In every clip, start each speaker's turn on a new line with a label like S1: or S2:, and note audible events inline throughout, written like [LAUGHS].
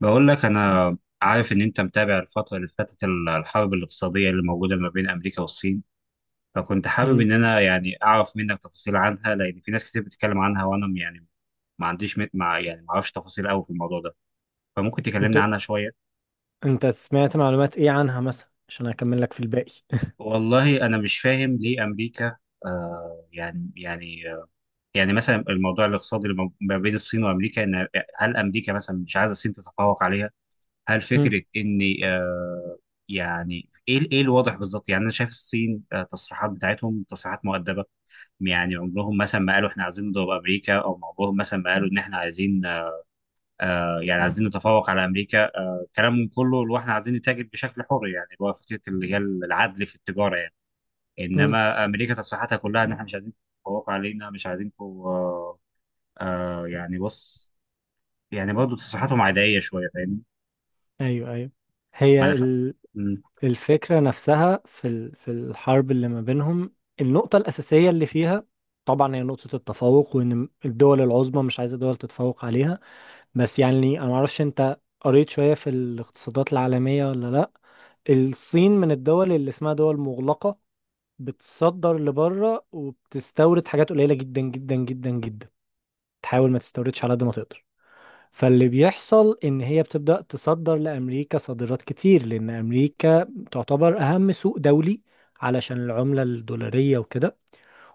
S1: بقول لك أنا عارف إن أنت متابع الفترة اللي فاتت الحرب الاقتصادية اللي موجودة ما بين أمريكا والصين. فكنت حابب
S2: مم.
S1: إن أنا يعني أعرف منك تفاصيل عنها، لأن في ناس كتير بتتكلم عنها وأنا يعني ما عنديش م- مع يعني ما أعرفش تفاصيل أوي في الموضوع ده، فممكن
S2: انت
S1: تكلمنا عنها شوية.
S2: انت سمعت معلومات ايه عنها مثلا عشان اكمل لك في الباقي؟ [LAUGHS]
S1: والله أنا مش فاهم ليه أمريكا آه يعني يعني آه يعني مثلا الموضوع الاقتصادي اللي ما بين الصين وأمريكا، إن هل أمريكا مثلا مش عايزة الصين تتفوق عليها؟ هل
S2: مم.
S1: فكره ان يعني ايه ايه الواضح بالظبط؟ يعني انا شايف الصين التصريحات بتاعتهم تصريحات مؤدبه، يعني عمرهم مثلا ما قالوا احنا عايزين نضرب امريكا، او عمرهم مثلا ما قالوا ان احنا عايزين يعني عايزين نتفوق على امريكا. كلامهم كله اللي هو احنا عايزين نتاجر بشكل حر، يعني اللي هو فكره اللي هي العدل في التجاره يعني.
S2: مم.
S1: انما امريكا تصريحاتها كلها ان احنا مش عايزين تتفوقوا علينا، مش عايزينكم بص، يعني برضه تصريحاتهم عاديه شويه، فاهمني؟
S2: ايوه، ايوه.
S1: ما انا
S2: هي
S1: فا-
S2: الفكرة نفسها في الحرب اللي ما بينهم، النقطة الأساسية اللي فيها طبعا هي نقطة التفوق، وإن الدول العظمى مش عايزة دول تتفوق عليها. بس يعني أنا معرفش أنت قريت شوية في الاقتصادات العالمية ولا لأ. الصين من الدول اللي اسمها دول مغلقة، بتصدر لبره وبتستورد حاجات قليلة جدا جدا جدا جدا، تحاول ما تستوردش على قد ما تقدر. فاللي بيحصل ان هي بتبدأ تصدر لامريكا صادرات كتير، لان امريكا تعتبر اهم سوق دولي علشان العملة الدولارية وكده،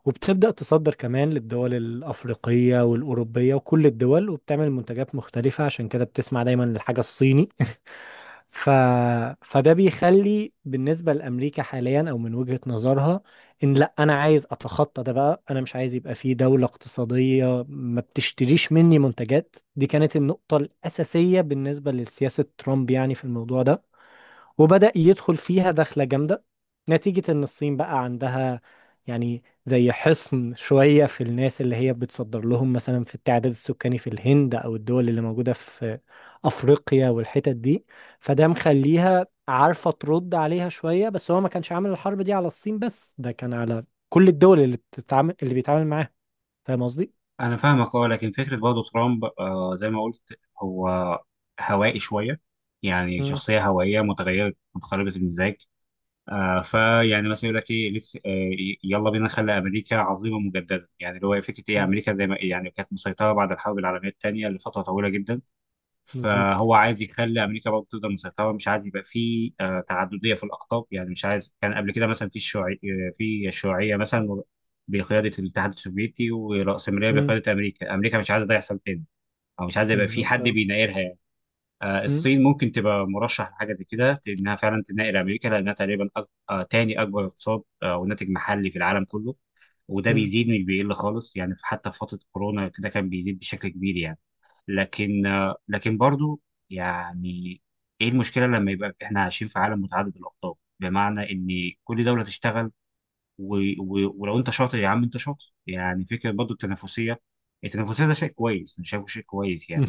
S2: وبتبدأ تصدر كمان للدول الأفريقية والأوروبية وكل الدول، وبتعمل منتجات مختلفة، عشان كده بتسمع دايما للحاجة الصيني [LAUGHS] ف... فده بيخلي بالنسبة لأمريكا حاليا أو من وجهة نظرها إن لأ أنا عايز أتخطى ده بقى، أنا مش عايز يبقى في دولة اقتصادية ما بتشتريش مني منتجات. دي كانت النقطة الأساسية بالنسبة لسياسة ترامب يعني في الموضوع ده، وبدأ يدخل فيها دخلة جامدة نتيجة إن الصين بقى عندها يعني زي حصن شوية في الناس اللي هي بتصدر لهم، مثلا في التعداد السكاني في الهند أو الدول اللي موجودة في أفريقيا والحتت دي. فده مخليها عارفة ترد عليها شوية، بس هو ما كانش عامل الحرب دي على الصين بس، ده كان على كل الدول اللي بتتعامل، اللي بيتعامل معاها. فاهم قصدي؟
S1: انا فاهمك، اه. لكن فكره برضه ترامب زي ما قلت، هو هوائي شويه، يعني
S2: مم.
S1: شخصيه هوائيه متغيره متقلبه المزاج. آه فيعني مثلا يقول لك ايه لسه يلا بينا نخلي امريكا عظيمه مجددا، يعني اللي هو فكره ايه؟
S2: مم.
S1: امريكا زي ما يعني كانت مسيطره بعد الحرب العالميه الثانيه لفتره طويله جدا.
S2: بالظبط.
S1: فهو عايز يخلي امريكا برضه تقدر مسيطره، مش عايز يبقى في تعدديه في الاقطاب. يعني مش عايز. كان قبل كده مثلا في الشيوعي في الشيوعيه مثلا بقياده الاتحاد السوفيتي، والرأسمالية
S2: مم.
S1: بقياده امريكا. امريكا مش عايزه ده يحصل تاني، او مش عايزه يبقى في
S2: بالظبط،
S1: حد
S2: اه.
S1: بينايرها يعني.
S2: مم.
S1: الصين ممكن تبقى مرشح لحاجه زي كده، انها فعلا تناير امريكا، لانها تقريبا أك... آه، تاني اكبر اقتصاد وناتج محلي في العالم كله. وده
S2: مم.
S1: بيزيد مش بيقل خالص يعني، حتى في فتره كورونا كده كان بيزيد بشكل كبير يعني. لكن برضو يعني ايه المشكله لما يبقى احنا عايشين في عالم متعدد الاقطاب؟ بمعنى ان كل دوله تشتغل، و... و... ولو انت شاطر يا عم انت شاطر، يعني فكره برضو التنافسيه. التنافسيه ده شيء كويس، انا شايفه شيء كويس
S2: [LAUGHS]
S1: يعني.
S2: مم.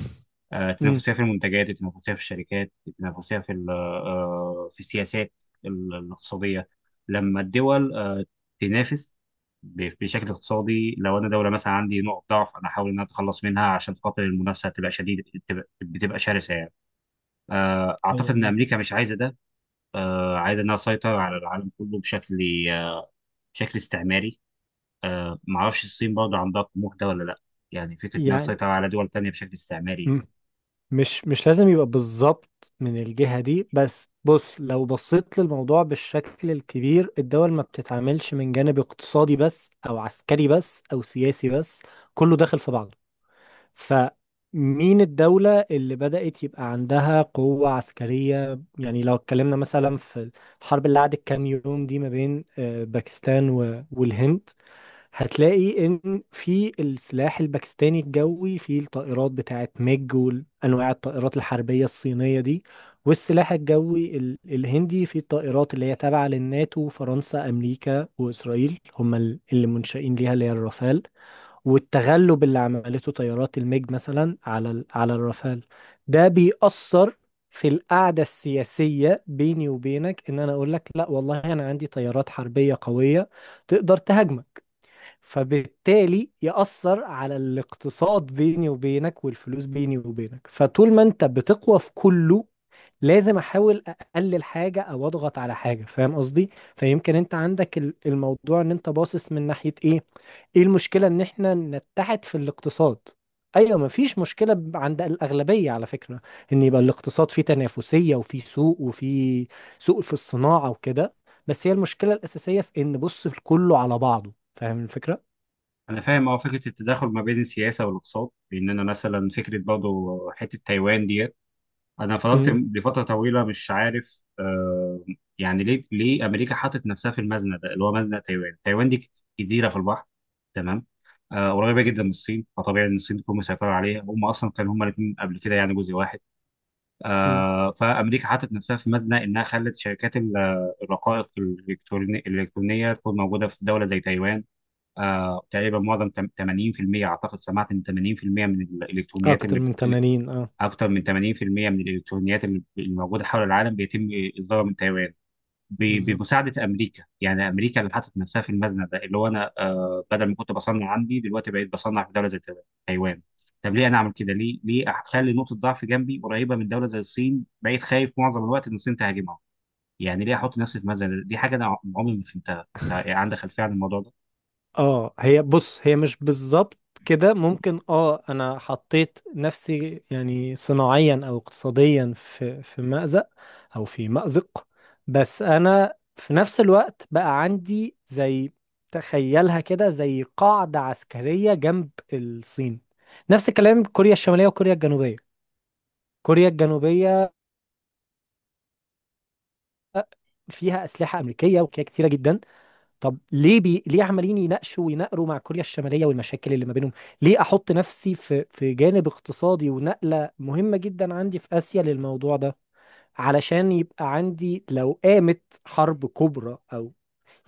S2: مم.
S1: التنافسية في المنتجات، التنافسية في الشركات، التنافسية في في السياسات الاقتصادية. لما الدول تنافس بشكل اقتصادي، لو انا دوله مثلا عندي نقط ضعف، انا احاول ان انا اتخلص منها عشان خاطر المنافسه تبقى شديده، بتبقى شرسه يعني. اعتقد ان
S2: ايوه،
S1: امريكا مش عايزه ده. عايزه انها تسيطر على العالم كله بشكل آه، بشكل استعماري. معرفش الصين برضه عندها الطموح ده ولا لا، يعني فكره انها
S2: يعني.
S1: تسيطر على دول تانيه بشكل استعماري.
S2: مم. مش لازم يبقى بالظبط من الجهة دي، بس بص، لو بصيت للموضوع بالشكل الكبير، الدول ما بتتعاملش من جانب اقتصادي بس او عسكري بس او سياسي بس، كله داخل في بعضه. فمين الدولة اللي بدأت يبقى عندها قوة عسكرية؟ يعني لو اتكلمنا مثلا في الحرب اللي قعدت كام يوم دي ما بين باكستان و- والهند، هتلاقي ان في السلاح الباكستاني الجوي في الطائرات بتاعت ميج وانواع الطائرات الحربية الصينية دي، والسلاح الجوي الهندي في الطائرات اللي هي تابعة للناتو، فرنسا امريكا واسرائيل هم اللي منشئين ليها اللي هي الرافال. والتغلب اللي عملته طيارات الميج مثلا على الرافال، ده بيأثر في القعدة السياسية بيني وبينك، ان انا اقول لك لا والله انا عندي طيارات حربية قوية تقدر تهاجمك. فبالتالي يأثر على الاقتصاد بيني وبينك والفلوس بيني وبينك. فطول ما انت بتقوى في كله، لازم احاول اقلل حاجة او اضغط على حاجة. فاهم قصدي؟ فيمكن انت عندك الموضوع ان انت باصص من ناحية ايه. ايه المشكلة ان احنا نتحد في الاقتصاد؟ ايوه، مفيش مشكلة عند الاغلبية على فكرة، ان يبقى الاقتصاد فيه تنافسية وفيه سوق وفيه سوق في الصناعة وكده. بس هي المشكلة الاساسية في ان بص في كله على بعضه. فاهم الفكرة؟
S1: انا فاهم، اه. فكره التداخل ما بين السياسه والاقتصاد، لان انا مثلا فكره برضه حته تايوان ديت، انا فضلت
S2: مم.
S1: لفتره طويله مش عارف يعني ليه امريكا حطت نفسها في المزنه ده، اللي هو مزنه تايوان. تايوان دي جزيره في البحر، تمام؟ قريبه جدا من الصين، فطبيعي ان الصين تكون مسيطره عليها. هم اصلا كانوا هم الاثنين قبل كده يعني جزء واحد.
S2: مم.
S1: آه فامريكا حطت نفسها في مزنه، انها خلت شركات الرقائق الالكترونيه الإلكترونية تكون موجوده في دوله زي تايوان. تقريبا معظم 80% اعتقد، سمعت ان 80% من الالكترونيات
S2: اكتر
S1: اللي
S2: من
S1: اللي-
S2: 80، اه.
S1: اكتر من 80% من الالكترونيات اللي موجوده حول العالم بيتم اصدارها من تايوان
S2: بالظبط،
S1: بمساعده امريكا. يعني امريكا اللي حطت نفسها في المزنه ده، اللي هو انا بدل ما كنت بصنع عندي، دلوقتي بقيت بصنع في دوله زي تايوان. طب ليه انا اعمل كده؟ ليه اخلي نقطه ضعف جنبي قريبه من دوله زي الصين؟ بقيت خايف معظم الوقت ان الصين تهاجمها. يعني ليه احط نفسي في مزنه دي؟ حاجه انا عمري ما فهمتها. عندك خلفيه عن الموضوع ده؟
S2: اه. هي بص، هي مش بالظبط كده، ممكن اه انا حطيت نفسي يعني صناعيا او اقتصاديا في مأزق او في مأزق، بس انا في نفس الوقت بقى عندي زي، تخيلها كده زي قاعدة عسكرية جنب الصين. نفس الكلام كوريا الشمالية وكوريا الجنوبية. كوريا الجنوبية فيها أسلحة أمريكية وكده كتيرة جدا. طب ليه ليه عمالين يناقشوا ويناقروا مع كوريا الشمالية والمشاكل اللي ما بينهم؟ ليه احط نفسي في في جانب اقتصادي ونقلة مهمة جدا عندي في آسيا للموضوع ده؟ علشان يبقى عندي، لو قامت حرب كبرى او،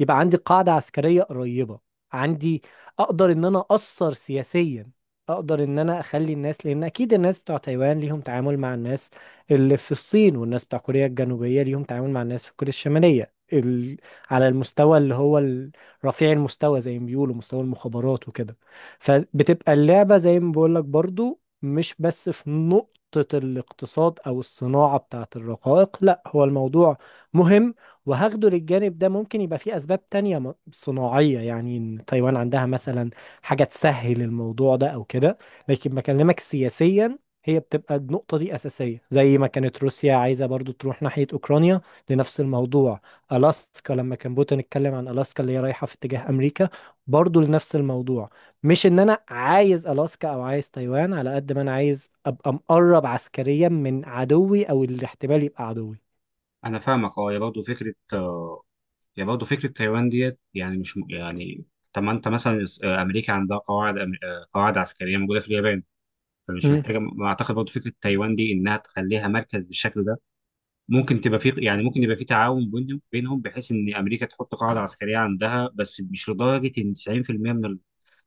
S2: يبقى عندي قاعدة عسكرية قريبة عندي، اقدر ان انا اثر سياسيا، اقدر ان انا اخلي الناس، لان اكيد الناس بتوع تايوان ليهم تعامل مع الناس اللي في الصين، والناس بتوع كوريا الجنوبية ليهم تعامل مع الناس في كوريا الشمالية على المستوى اللي هو رفيع المستوى زي ما بيقولوا، مستوى المخابرات وكده. فبتبقى اللعبة زي ما بقول لك برضو مش بس في نقطة الاقتصاد او الصناعة بتاعت الرقائق، لا، هو الموضوع مهم. وهاخده للجانب ده، ممكن يبقى فيه أسباب تانية صناعية، يعني إن تايوان عندها مثلا حاجة تسهل الموضوع ده أو كده، لكن بكلمك سياسيا هي بتبقى النقطة دي أساسية. زي ما كانت روسيا عايزة برضو تروح ناحية أوكرانيا لنفس الموضوع. ألاسكا لما كان بوتين اتكلم عن ألاسكا اللي هي رايحة في اتجاه أمريكا، برضو لنفس الموضوع. مش إن أنا عايز ألاسكا أو عايز تايوان على قد ما أنا عايز أبقى مقرب عسكريا من عدوي أو الاحتمال يبقى عدوي.
S1: انا فاهمك، اه. يا برضه فكره تايوان ديت، يعني مش م- يعني طب ما انت مثلا امريكا عندها قواعد أم- آه، قواعد عسكريه موجوده في اليابان، فمش محتاجه ما اعتقد برضه فكره تايوان دي انها تخليها مركز بالشكل ده. ممكن تبقى في، يعني ممكن يبقى في تعاون بينهم بحيث ان امريكا تحط قاعده عسكريه عندها، بس مش لدرجه ان 90% من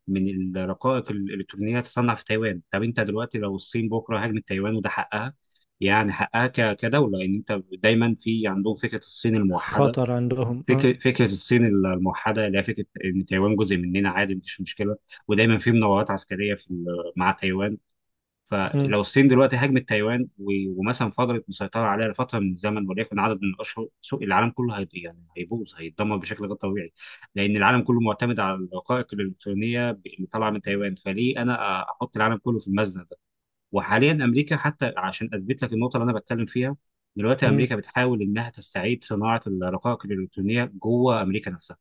S1: من الرقائق الالكترونيه تصنع في تايوان. طب انت دلوقتي لو الصين بكره هاجمت تايوان، وده حقها يعني، حقها كدوله، لان انت دايما في عندهم فكره الصين الموحده.
S2: خطر عندهم، اه.
S1: فكره الصين الموحده، اللي هي فكره ان تايوان جزء مننا عادي، مفيش مشكله. ودايما في مناورات عسكريه في مع تايوان.
S2: مم.
S1: فلو الصين دلوقتي هاجمت تايوان ومثلا فضلت مسيطره عليها لفتره من الزمن، وليكن عدد من الاشهر، سوق العالم كله هي يعني هيبوظ، هيتدمر بشكل غير طبيعي. لان العالم كله معتمد على الرقائق الالكترونيه اللي طالعه من تايوان. فليه انا احط العالم كله في المزنه ده؟ وحاليا امريكا، حتى عشان اثبت لك النقطه اللي انا بتكلم فيها، دلوقتي
S2: مم.
S1: امريكا بتحاول انها تستعيد صناعه الرقائق الالكترونيه جوه امريكا نفسها.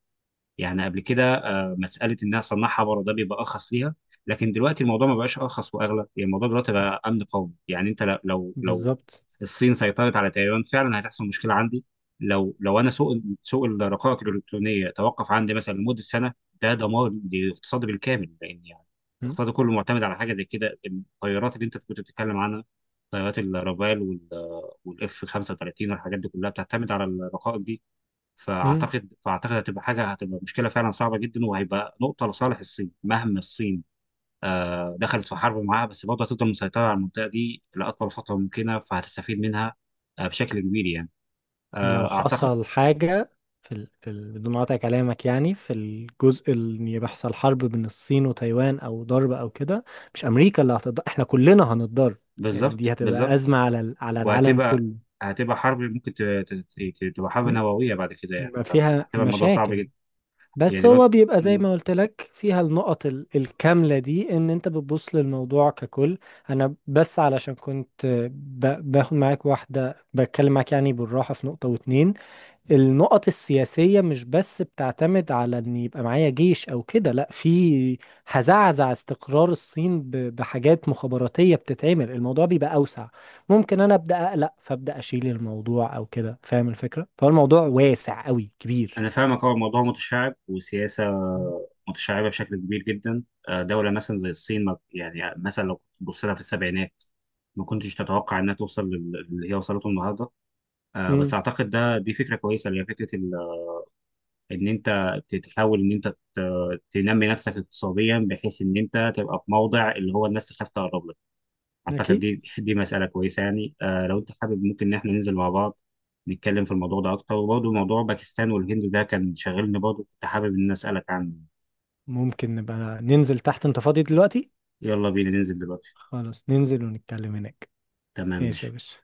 S1: يعني قبل كده مساله انها صنعها بره ده بيبقى ارخص ليها، لكن دلوقتي الموضوع ما بقاش ارخص واغلى يعني، الموضوع دلوقتي بقى امن قومي يعني. انت لو
S2: بالظبط.
S1: الصين سيطرت على تايوان فعلا، هتحصل مشكله عندي. لو انا سوق الرقائق الالكترونيه توقف عندي مثلا لمده سنه، ده دمار للاقتصاد بالكامل، لان يعني
S2: مم.
S1: الاقتصاد كله معتمد على حاجه زي كده. الطيارات اللي انت كنت بتتكلم عنها، طيارات الرافال والاف 35 والحاجات دي كلها بتعتمد على الرقائق دي.
S2: مم.
S1: فاعتقد هتبقى حاجه، هتبقى مشكله فعلا صعبه جدا، وهيبقى نقطه لصالح الصين. مهما الصين دخلت في حرب معاها، بس برضه هتفضل مسيطره على المنطقه دي لاطول فتره ممكنه، فهتستفيد منها بشكل كبير يعني،
S2: لو
S1: اعتقد.
S2: حصل حاجة بدون قطع كلامك، يعني في الجزء اللي يحصل حرب بين الصين وتايوان أو ضرب أو كده، مش أمريكا اللي هتضر، احنا كلنا هنتضر. يعني دي
S1: بالظبط،
S2: هتبقى
S1: بالظبط.
S2: أزمة على العالم
S1: وهتبقى
S2: كله.
S1: هتبقى حرب ممكن تبقى حرب
S2: مم.
S1: نوويه بعد كده يعني،
S2: يبقى فيها
S1: فهتبقى الموضوع صعب
S2: مشاكل،
S1: جدا،
S2: بس
S1: يعني
S2: هو
S1: برضه.
S2: بيبقى زي ما قلت لك فيها النقط الكاملة دي، ان انت بتبص للموضوع ككل. انا بس علشان كنت باخد معاك واحدة، بتكلم معاك يعني بالراحة في نقطة واتنين. النقط السياسية مش بس بتعتمد على ان يبقى معايا جيش او كده، لا، في هزعزع استقرار الصين بحاجات مخابراتية بتتعمل، الموضوع بيبقى اوسع، ممكن انا ابدا اقلق فابدا اشيل الموضوع او كده. فاهم الفكرة؟ فالموضوع واسع قوي كبير.
S1: أنا فاهمك، هو الموضوع متشعب وسياسة
S2: مم.
S1: متشعبة بشكل كبير جدا. دولة مثلا زي الصين، يعني مثلا لو تبص لها في السبعينات ما كنتش تتوقع إنها توصل اللي هي وصلته النهاردة. بس
S2: امم.
S1: أعتقد دي فكرة كويسة، اللي هي فكرة إن أنت تحاول إن أنت تنمي نفسك اقتصاديا، بحيث إن أنت تبقى في موضع اللي هو الناس تخاف تقرب لك. اعتقد
S2: اكيد،
S1: دي مساله كويسه يعني. آه، لو انت حابب، ممكن ان احنا ننزل مع بعض نتكلم في الموضوع ده اكتر، وبرضه موضوع باكستان والهند ده كان شاغلني برضه، كنت حابب ان أنا اسالك عنه.
S2: ممكن نبقى ننزل تحت، انت فاضي دلوقتي؟
S1: يلا بينا ننزل دلوقتي.
S2: خلاص، ننزل ونتكلم هناك.
S1: تمام،
S2: ماشي
S1: ماشي.
S2: يا باشا.